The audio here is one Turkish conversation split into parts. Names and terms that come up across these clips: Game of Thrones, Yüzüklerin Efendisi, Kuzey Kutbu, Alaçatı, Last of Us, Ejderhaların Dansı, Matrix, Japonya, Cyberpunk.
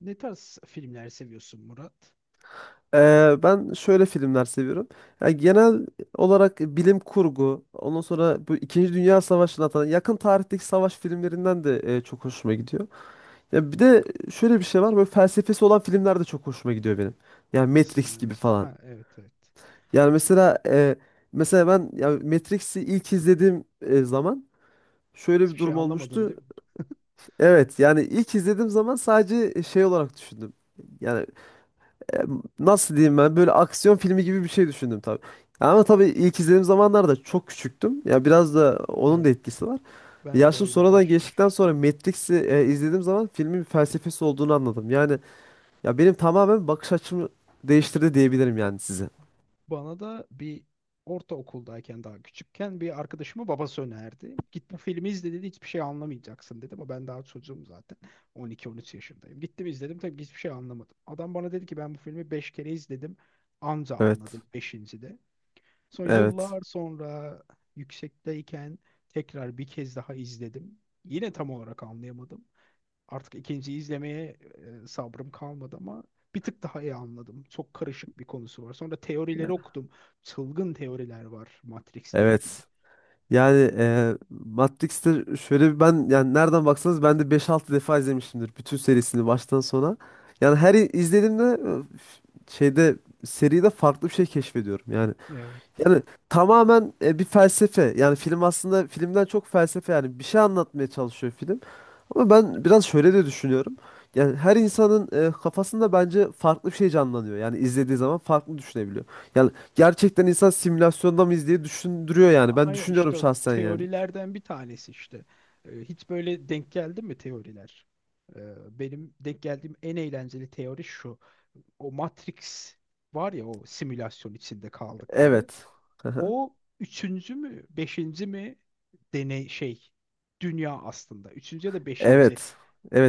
Ne tarz filmler seviyorsun Murat? Ben şöyle filmler seviyorum. Ya genel olarak bilim kurgu, ondan sonra bu İkinci Dünya Savaşı'nı atan yakın tarihteki savaş filmlerinden de çok hoşuma gidiyor. Ya bir de şöyle bir şey var, böyle felsefesi olan filmler de çok hoşuma gidiyor benim. Yani Nasıl Matrix yani? gibi falan. Ha, evet evet. Yani mesela ben ya Matrix'i ilk izlediğim zaman şöyle bir Hiçbir şey durum anlamadın olmuştu. değil mi? Evet, yani ilk izlediğim zaman sadece şey olarak düşündüm. Yani nasıl diyeyim ben böyle aksiyon filmi gibi bir şey düşündüm tabii. Ama tabii ilk izlediğim zamanlarda çok küçüktüm. Ya biraz da onun da Evet. etkisi var. Ben de Yaşım öyle sonradan geçtikten başlamış. sonra Matrix'i izlediğim zaman filmin bir felsefesi olduğunu anladım. Yani ya benim tamamen bakış açımı değiştirdi diyebilirim yani size. Bana da bir ortaokuldayken daha küçükken bir arkadaşımın babası önerdi. Git bu filmi izle dedi, hiçbir şey anlamayacaksın dedi, ama ben daha çocuğum zaten 12-13 yaşındayım. Gittim izledim, tabii ki hiçbir şey anlamadım. Adam bana dedi ki ben bu filmi 5 kere izledim, anca Evet. anladım 5.'de. Sonra Evet. yıllar sonra yüksekteyken tekrar bir kez daha izledim. Yine tam olarak anlayamadım. Artık ikinciyi izlemeye sabrım kalmadı ama bir tık daha iyi anladım. Çok karışık bir konusu var. Sonra teorileri okudum. Çılgın teoriler var Matrix'le ilgili. Evet. Yani Matrix'te şöyle bir ben yani nereden baksanız ben de beş altı defa izlemişimdir bütün serisini baştan sona. Yani her i- izlediğimde e, f- şeyde seride farklı bir şey keşfediyorum. Yani Evet. yani tamamen bir felsefe. Yani film aslında filmden çok felsefe, yani bir şey anlatmaya çalışıyor film. Ama ben biraz şöyle de düşünüyorum. Yani her insanın kafasında bence farklı bir şey canlanıyor. Yani izlediği zaman farklı düşünebiliyor. Yani gerçekten insan simülasyonda mıyız diye düşündürüyor yani. Ben Aynen düşünüyorum işte o şahsen yani. teorilerden bir tanesi işte. Hiç böyle denk geldi mi teoriler? E, Benim denk geldiğim en eğlenceli teori şu. O Matrix var ya, o simülasyon içinde kaldıkları. Evet. Aha. O üçüncü mü, beşinci mi deney şey dünya aslında. Üçüncü ya da beşinci Evet.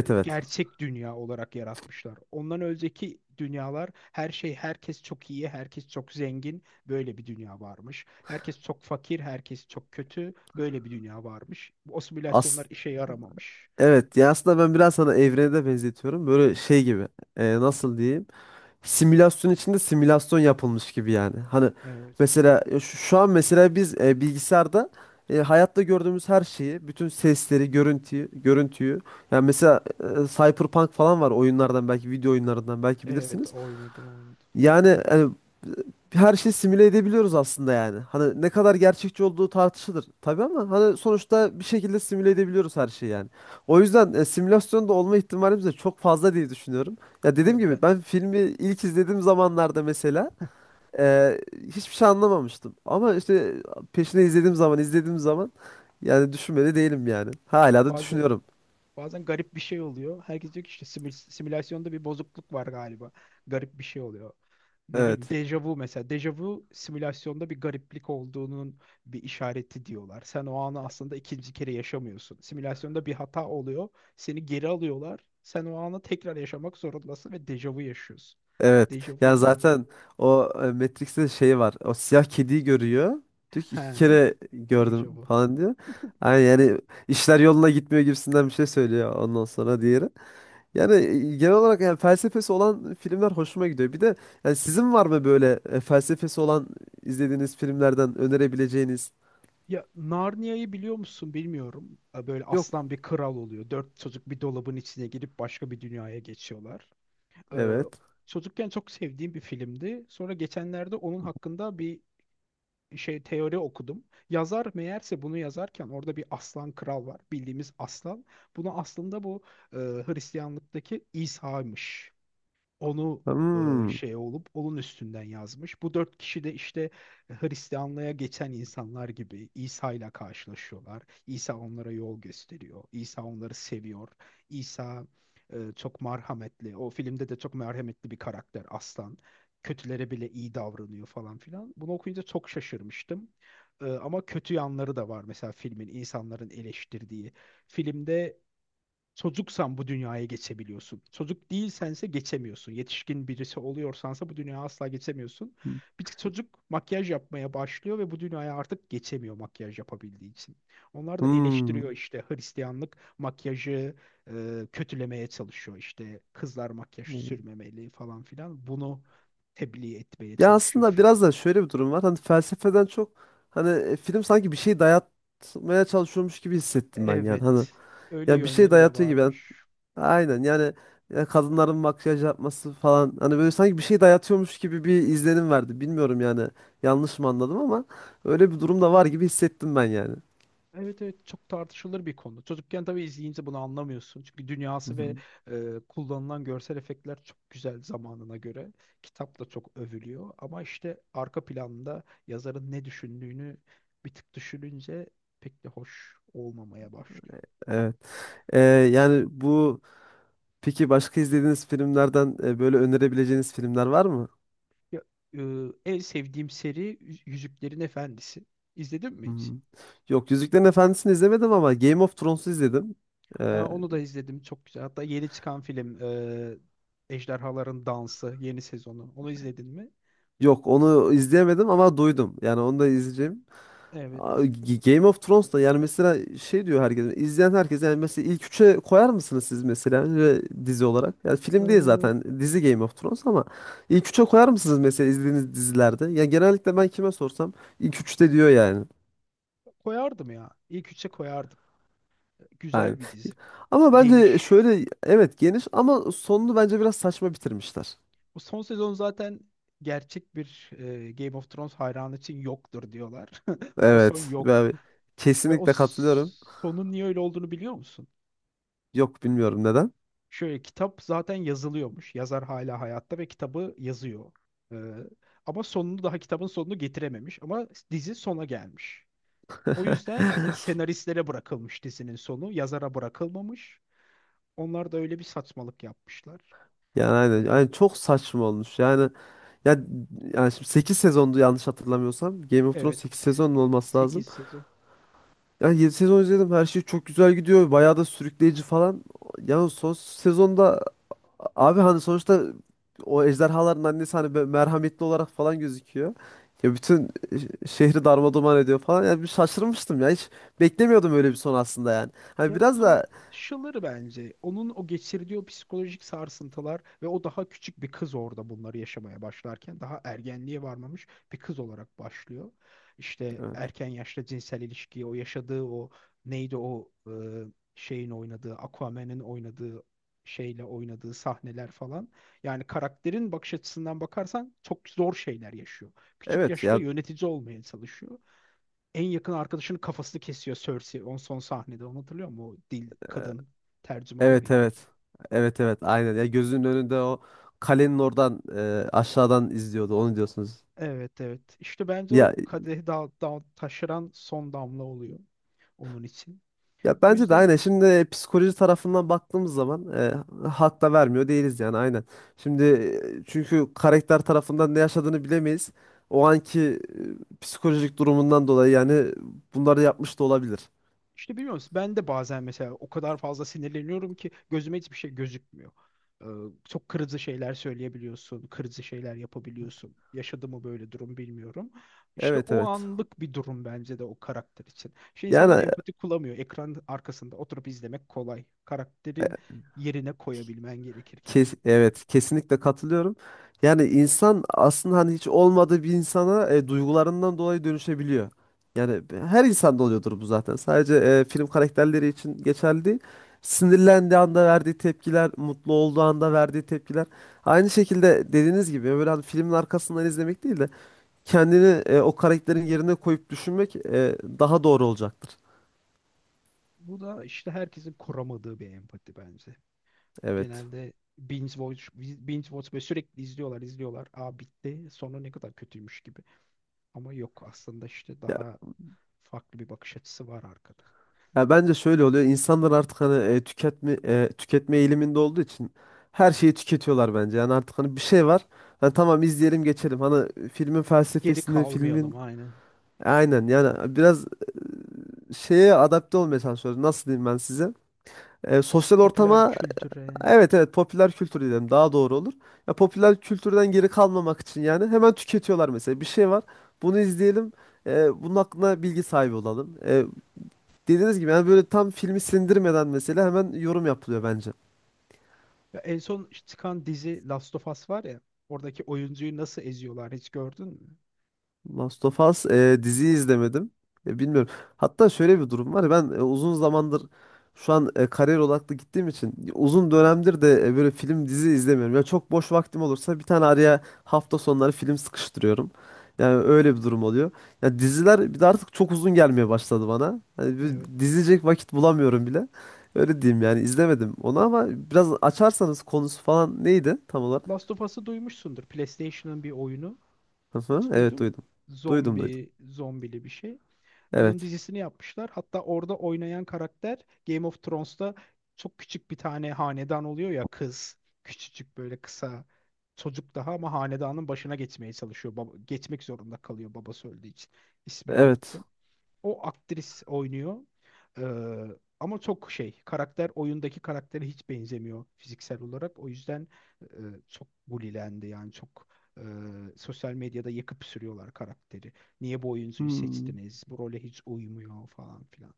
evet. gerçek dünya olarak yaratmışlar. Ondan önceki dünyalar her şey, herkes çok iyi, herkes çok zengin, böyle bir dünya varmış. Herkes çok fakir, herkes çok kötü, böyle bir dünya varmış. O As simülasyonlar işe yaramamış. evet, ya aslında ben biraz sana evrene de benzetiyorum. Böyle şey gibi. Nasıl diyeyim? Simülasyon içinde simülasyon yapılmış gibi yani. Hani Evet. mesela şu an mesela biz bilgisayarda, hayatta gördüğümüz her şeyi, bütün sesleri, görüntüyü. Yani mesela Cyberpunk falan var oyunlardan, belki video oyunlarından belki Evet, bilirsiniz. oynadım oynadım. Yani hani, her şeyi simüle edebiliyoruz aslında yani. Hani ne kadar gerçekçi olduğu tartışılır tabii, ama hani sonuçta bir şekilde simüle edebiliyoruz her şeyi yani. O yüzden simülasyonda olma ihtimalimiz de çok fazla diye düşünüyorum. Ya Ya dediğim ben, gibi ben filmi ilk izlediğim zamanlarda mesela e, hiçbir şey anlamamıştım. Ama işte peşine izlediğim zaman yani düşünmedi değilim yani. Hala da bazen düşünüyorum. Bazen garip bir şey oluyor. Herkes diyor ki işte simülasyonda bir bozukluk var galiba. Garip bir şey oluyor. Ne bileyim, Evet. dejavu mesela. Dejavu simülasyonda bir gariplik olduğunun bir işareti diyorlar. Sen o anı aslında ikinci kere yaşamıyorsun. Simülasyonda bir hata oluyor. Seni geri alıyorlar. Sen o anı tekrar yaşamak zorundasın ve dejavu yaşıyorsun. Evet. Dejavu Ya ya. zaten o Matrix'te şey var. O siyah kediyi görüyor. Diyor ki He, iki kere gördüm dejavu. falan diyor. Yani, işler yoluna gitmiyor gibisinden bir şey söylüyor ondan sonra diğeri. Yani genel olarak yani felsefesi olan filmler hoşuma gidiyor. Bir de yani sizin var mı böyle felsefesi olan izlediğiniz filmlerden önerebileceğiniz? Ya Narnia'yı biliyor musun bilmiyorum. Böyle Yok. aslan bir kral oluyor. Dört çocuk bir dolabın içine girip başka bir dünyaya geçiyorlar. Ee, Evet. çocukken çok sevdiğim bir filmdi. Sonra geçenlerde onun hakkında bir teori okudum. Yazar meğerse bunu yazarken orada bir aslan kral var. Bildiğimiz aslan. Bunu aslında bu Hristiyanlıktaki İsa'ymış, onu Hmm. Olup onun üstünden yazmış. Bu dört kişi de işte Hristiyanlığa geçen insanlar gibi İsa ile karşılaşıyorlar. İsa onlara yol gösteriyor. İsa onları seviyor. İsa çok merhametli. O filmde de çok merhametli bir karakter aslan. Kötülere bile iyi davranıyor falan filan. Bunu okuyunca çok şaşırmıştım. Ama kötü yanları da var. Mesela filmin, insanların eleştirdiği. Filmde çocuksan bu dünyaya geçebiliyorsun. Çocuk değilsense geçemiyorsun. Yetişkin birisi oluyorsansa bu dünyaya asla geçemiyorsun. Bir tık çocuk makyaj yapmaya başlıyor ve bu dünyaya artık geçemiyor makyaj yapabildiği için. Onlar da eleştiriyor Hmm. işte, Hristiyanlık makyajı kötülemeye çalışıyor. İşte kızlar makyaj Hmm. sürmemeli falan filan. Bunu tebliğ etmeye Ya çalışıyor aslında film. biraz da şöyle bir durum var. Hani felsefeden çok hani film sanki bir şey dayatmaya çalışıyormuş gibi hissettim ben yani. Hani Evet, öyle ya bir şey yönleri de dayatıyor gibi. Yani varmış. aynen yani, ya kadınların makyaj yapması falan, hani böyle sanki bir şey dayatıyormuş gibi bir izlenim verdi. Bilmiyorum yani, yanlış mı anladım, ama öyle bir durum da var gibi hissettim ben yani. Evet evet, çok tartışılır bir konu. Çocukken tabii izleyince bunu anlamıyorsun. Çünkü Hı dünyası ve hı. Kullanılan görsel efektler çok güzel zamanına göre. Kitap da çok övülüyor. Ama işte arka planda yazarın ne düşündüğünü bir tık düşününce pek de hoş olmamaya başlıyor. Evet. Yani bu, peki başka izlediğiniz filmlerden böyle önerebileceğiniz filmler var mı? Ya, e, en sevdiğim seri Yüzüklerin Efendisi. İzledin mi hiç? Hmm. Yok, Yüzüklerin Efendisi'ni izlemedim ama Game of Thrones'u izledim. Ee, Onu da izledim, çok güzel. Hatta yeni çıkan film Ejderhaların Dansı yeni sezonu. Onu izledin mi? Yok, onu izleyemedim ama duydum. Yani onu da izleyeceğim. Evet. Game of Thrones da yani, mesela şey diyor herkes, izleyen herkes yani, mesela ilk üçe koyar mısınız siz mesela ve dizi olarak? Yani film değil zaten, dizi Game of Thrones, ama ilk üçe koyar mısınız mesela izlediğiniz dizilerde? Ya genellikle ben kime sorsam ilk üçte diyor yani. Koyardım ya. İlk üçe koyardım. Yani. Güzel bir dizi. Ama bence Geniş. şöyle, evet geniş ama sonunu bence biraz saçma bitirmişler. Bu son sezon zaten gerçek bir Game of Thrones hayranı için yoktur diyorlar. O son Evet. yok. Ben Ve kesinlikle katılıyorum. sonun niye öyle olduğunu biliyor musun? Yok, bilmiyorum neden. Şöyle, kitap zaten yazılıyormuş. Yazar hala hayatta ve kitabı yazıyor. Ee, ama sonunu, daha kitabın sonunu getirememiş. Ama dizi sona gelmiş. O yüzden senaristlere bırakılmış dizinin sonu. Yazara bırakılmamış. Onlar da öyle bir saçmalık yapmışlar. Yani E, aynen. Yani çok saçma olmuş. Ya yani şimdi 8 sezondu yanlış hatırlamıyorsam. Game of Thrones 8 Evet. sezonun olması lazım. 8 sezon. Yani 7 sezon izledim. Her şey çok güzel gidiyor. Bayağı da sürükleyici falan. Yani son sezonda abi, hani sonuçta o ejderhaların annesi hani böyle merhametli olarak falan gözüküyor. Ya bütün şehri darmadağın ediyor falan. Yani bir şaşırmıştım ya. Hiç beklemiyordum öyle bir son aslında yani. Hani Ya, biraz da. tartışılır bence. Onun o geçirdiği o psikolojik sarsıntılar ve o daha küçük bir kız orada bunları yaşamaya başlarken daha ergenliğe varmamış bir kız olarak başlıyor. İşte erken yaşta cinsel ilişkiyi o yaşadığı, o neydi o şeyin oynadığı, Aquaman'ın oynadığı şeyle oynadığı sahneler falan. Yani karakterin bakış açısından bakarsan çok zor şeyler yaşıyor. Küçük Evet yaşta ya, yönetici olmaya çalışıyor. En yakın arkadaşının kafasını kesiyor Cersei on son sahnede. Onu hatırlıyor musun? O dil e, kadın tercümanı evet mıydı? evet. Evet evet aynen. Ya gözünün önünde o kalenin oradan aşağıdan izliyordu onu diyorsunuz. Evet evet. İşte bence o Ya kadehi taşıran son damla oluyor onun için. ya O bence de yüzden, aynen. Şimdi psikoloji tarafından baktığımız zaman hak da vermiyor değiliz yani aynen. Şimdi çünkü karakter tarafından ne yaşadığını bilemeyiz. O anki psikolojik durumundan dolayı yani bunları yapmış da olabilir. İşte biliyor musun, ben de bazen mesela o kadar fazla sinirleniyorum ki gözüme hiçbir şey gözükmüyor. Ee, çok kırıcı şeyler söyleyebiliyorsun, kırıcı şeyler yapabiliyorsun. Yaşadı mı böyle durum bilmiyorum. İşte Evet, o evet. anlık bir durum bence de o karakter için. İnsanlar Yani empati kuramıyor. Ekran arkasında oturup izlemek kolay. Karakterin yerine koyabilmen gerekir kendini. evet, kesinlikle katılıyorum. Yani insan aslında hani hiç olmadığı bir insana duygularından dolayı dönüşebiliyor. Yani her insanda oluyordur bu zaten. Sadece film karakterleri için geçerli değil. Sinirlendiği anda verdiği tepkiler, mutlu olduğu anda verdiği tepkiler. Aynı şekilde dediğiniz gibi böyle hani filmin arkasından izlemek değil de kendini o karakterin yerine koyup düşünmek daha doğru olacaktır. Bu da işte herkesin kuramadığı bir empati bence. Evet. Genelde binge watch, binge watch ve sürekli izliyorlar, izliyorlar. Aa, bitti. Sonu ne kadar kötüymüş gibi. Ama yok, aslında işte daha farklı bir bakış açısı var arkada. Ya bence şöyle oluyor. İnsanlar artık hani tüketme eğiliminde olduğu için her şeyi tüketiyorlar bence. Yani artık hani bir şey var. Hani tamam izleyelim geçelim. Hani filmin Geri felsefesini, kalmayalım, filmin aynen. aynen yani biraz şeye adapte olmaya çalışıyoruz. Nasıl diyeyim ben size? Sosyal Popüler ortama, kültüre. evet evet, popüler kültür diyelim daha doğru olur. Ya popüler kültürden geri kalmamak için yani hemen tüketiyorlar mesela. Bir şey var. Bunu izleyelim. Bunun hakkında bilgi sahibi olalım. Dediğiniz gibi yani böyle tam filmi sindirmeden mesela hemen yorum yapılıyor bence. Ya en son işte çıkan dizi Last of Us var ya. Oradaki oyuncuyu nasıl eziyorlar hiç gördün mü? Last of Us diziyi izlemedim. Bilmiyorum. Hatta şöyle bir durum var. Ben uzun zamandır, şu an kariyer odaklı gittiğim için Hı uzun hı. dönemdir de böyle film dizi izlemiyorum. Ya çok boş vaktim olursa bir tane araya hafta sonları film sıkıştırıyorum. Yani öyle bir durum oluyor. Ya diziler bir de artık çok uzun gelmeye başladı bana. Hani bir Evet. dizecek vakit bulamıyorum bile. Öyle diyeyim, yani izlemedim onu ama biraz açarsanız konusu falan neydi tam olarak? Last of Us'ı duymuşsundur. PlayStation'ın bir oyunu. Aha, Hiç evet duydum. duydum. Duydum, duydum. Zombi, zombili bir şey. Onun Evet. dizisini yapmışlar. Hatta orada oynayan karakter Game of Thrones'ta çok küçük bir tane hanedan oluyor ya, kız. Küçücük böyle kısa, çocuk daha, ama hanedanın başına geçmeye çalışıyor. Baba, geçmek zorunda kalıyor babası öldüğü için. İsmini Evet. unuttum. O aktris oynuyor. Ee, ama çok karakter oyundaki karaktere hiç benzemiyor fiziksel olarak. O yüzden e, çok bulilendi, yani çok e, sosyal medyada yakıp sürüyorlar karakteri. Niye bu oyuncuyu Hmm. seçtiniz? Bu role hiç uymuyor falan filan.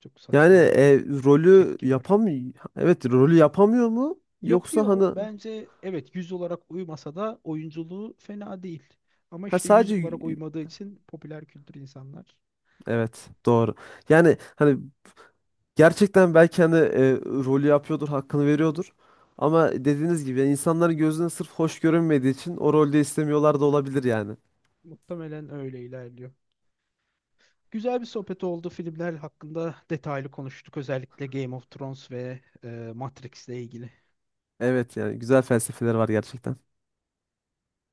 Çok Yani saçma e, rolü tepki var. yapam Evet, rolü yapamıyor mu? Yoksa Yapıyor hani, bence, evet, yüz olarak uymasa da oyunculuğu fena değil. Ama ha, işte yüz olarak sadece, uymadığı için popüler kültür, insanlar evet, doğru. Yani hani gerçekten belki hani rolü yapıyordur, hakkını veriyordur. Ama dediğiniz gibi yani insanların gözüne sırf hoş görünmediği için o rolde istemiyorlar da olabilir yani. muhtemelen öyle ilerliyor. Güzel bir sohbet oldu. Filmler hakkında detaylı konuştuk. Özellikle Game of Thrones ve Matrix ile ilgili. Evet, yani güzel felsefeler var gerçekten.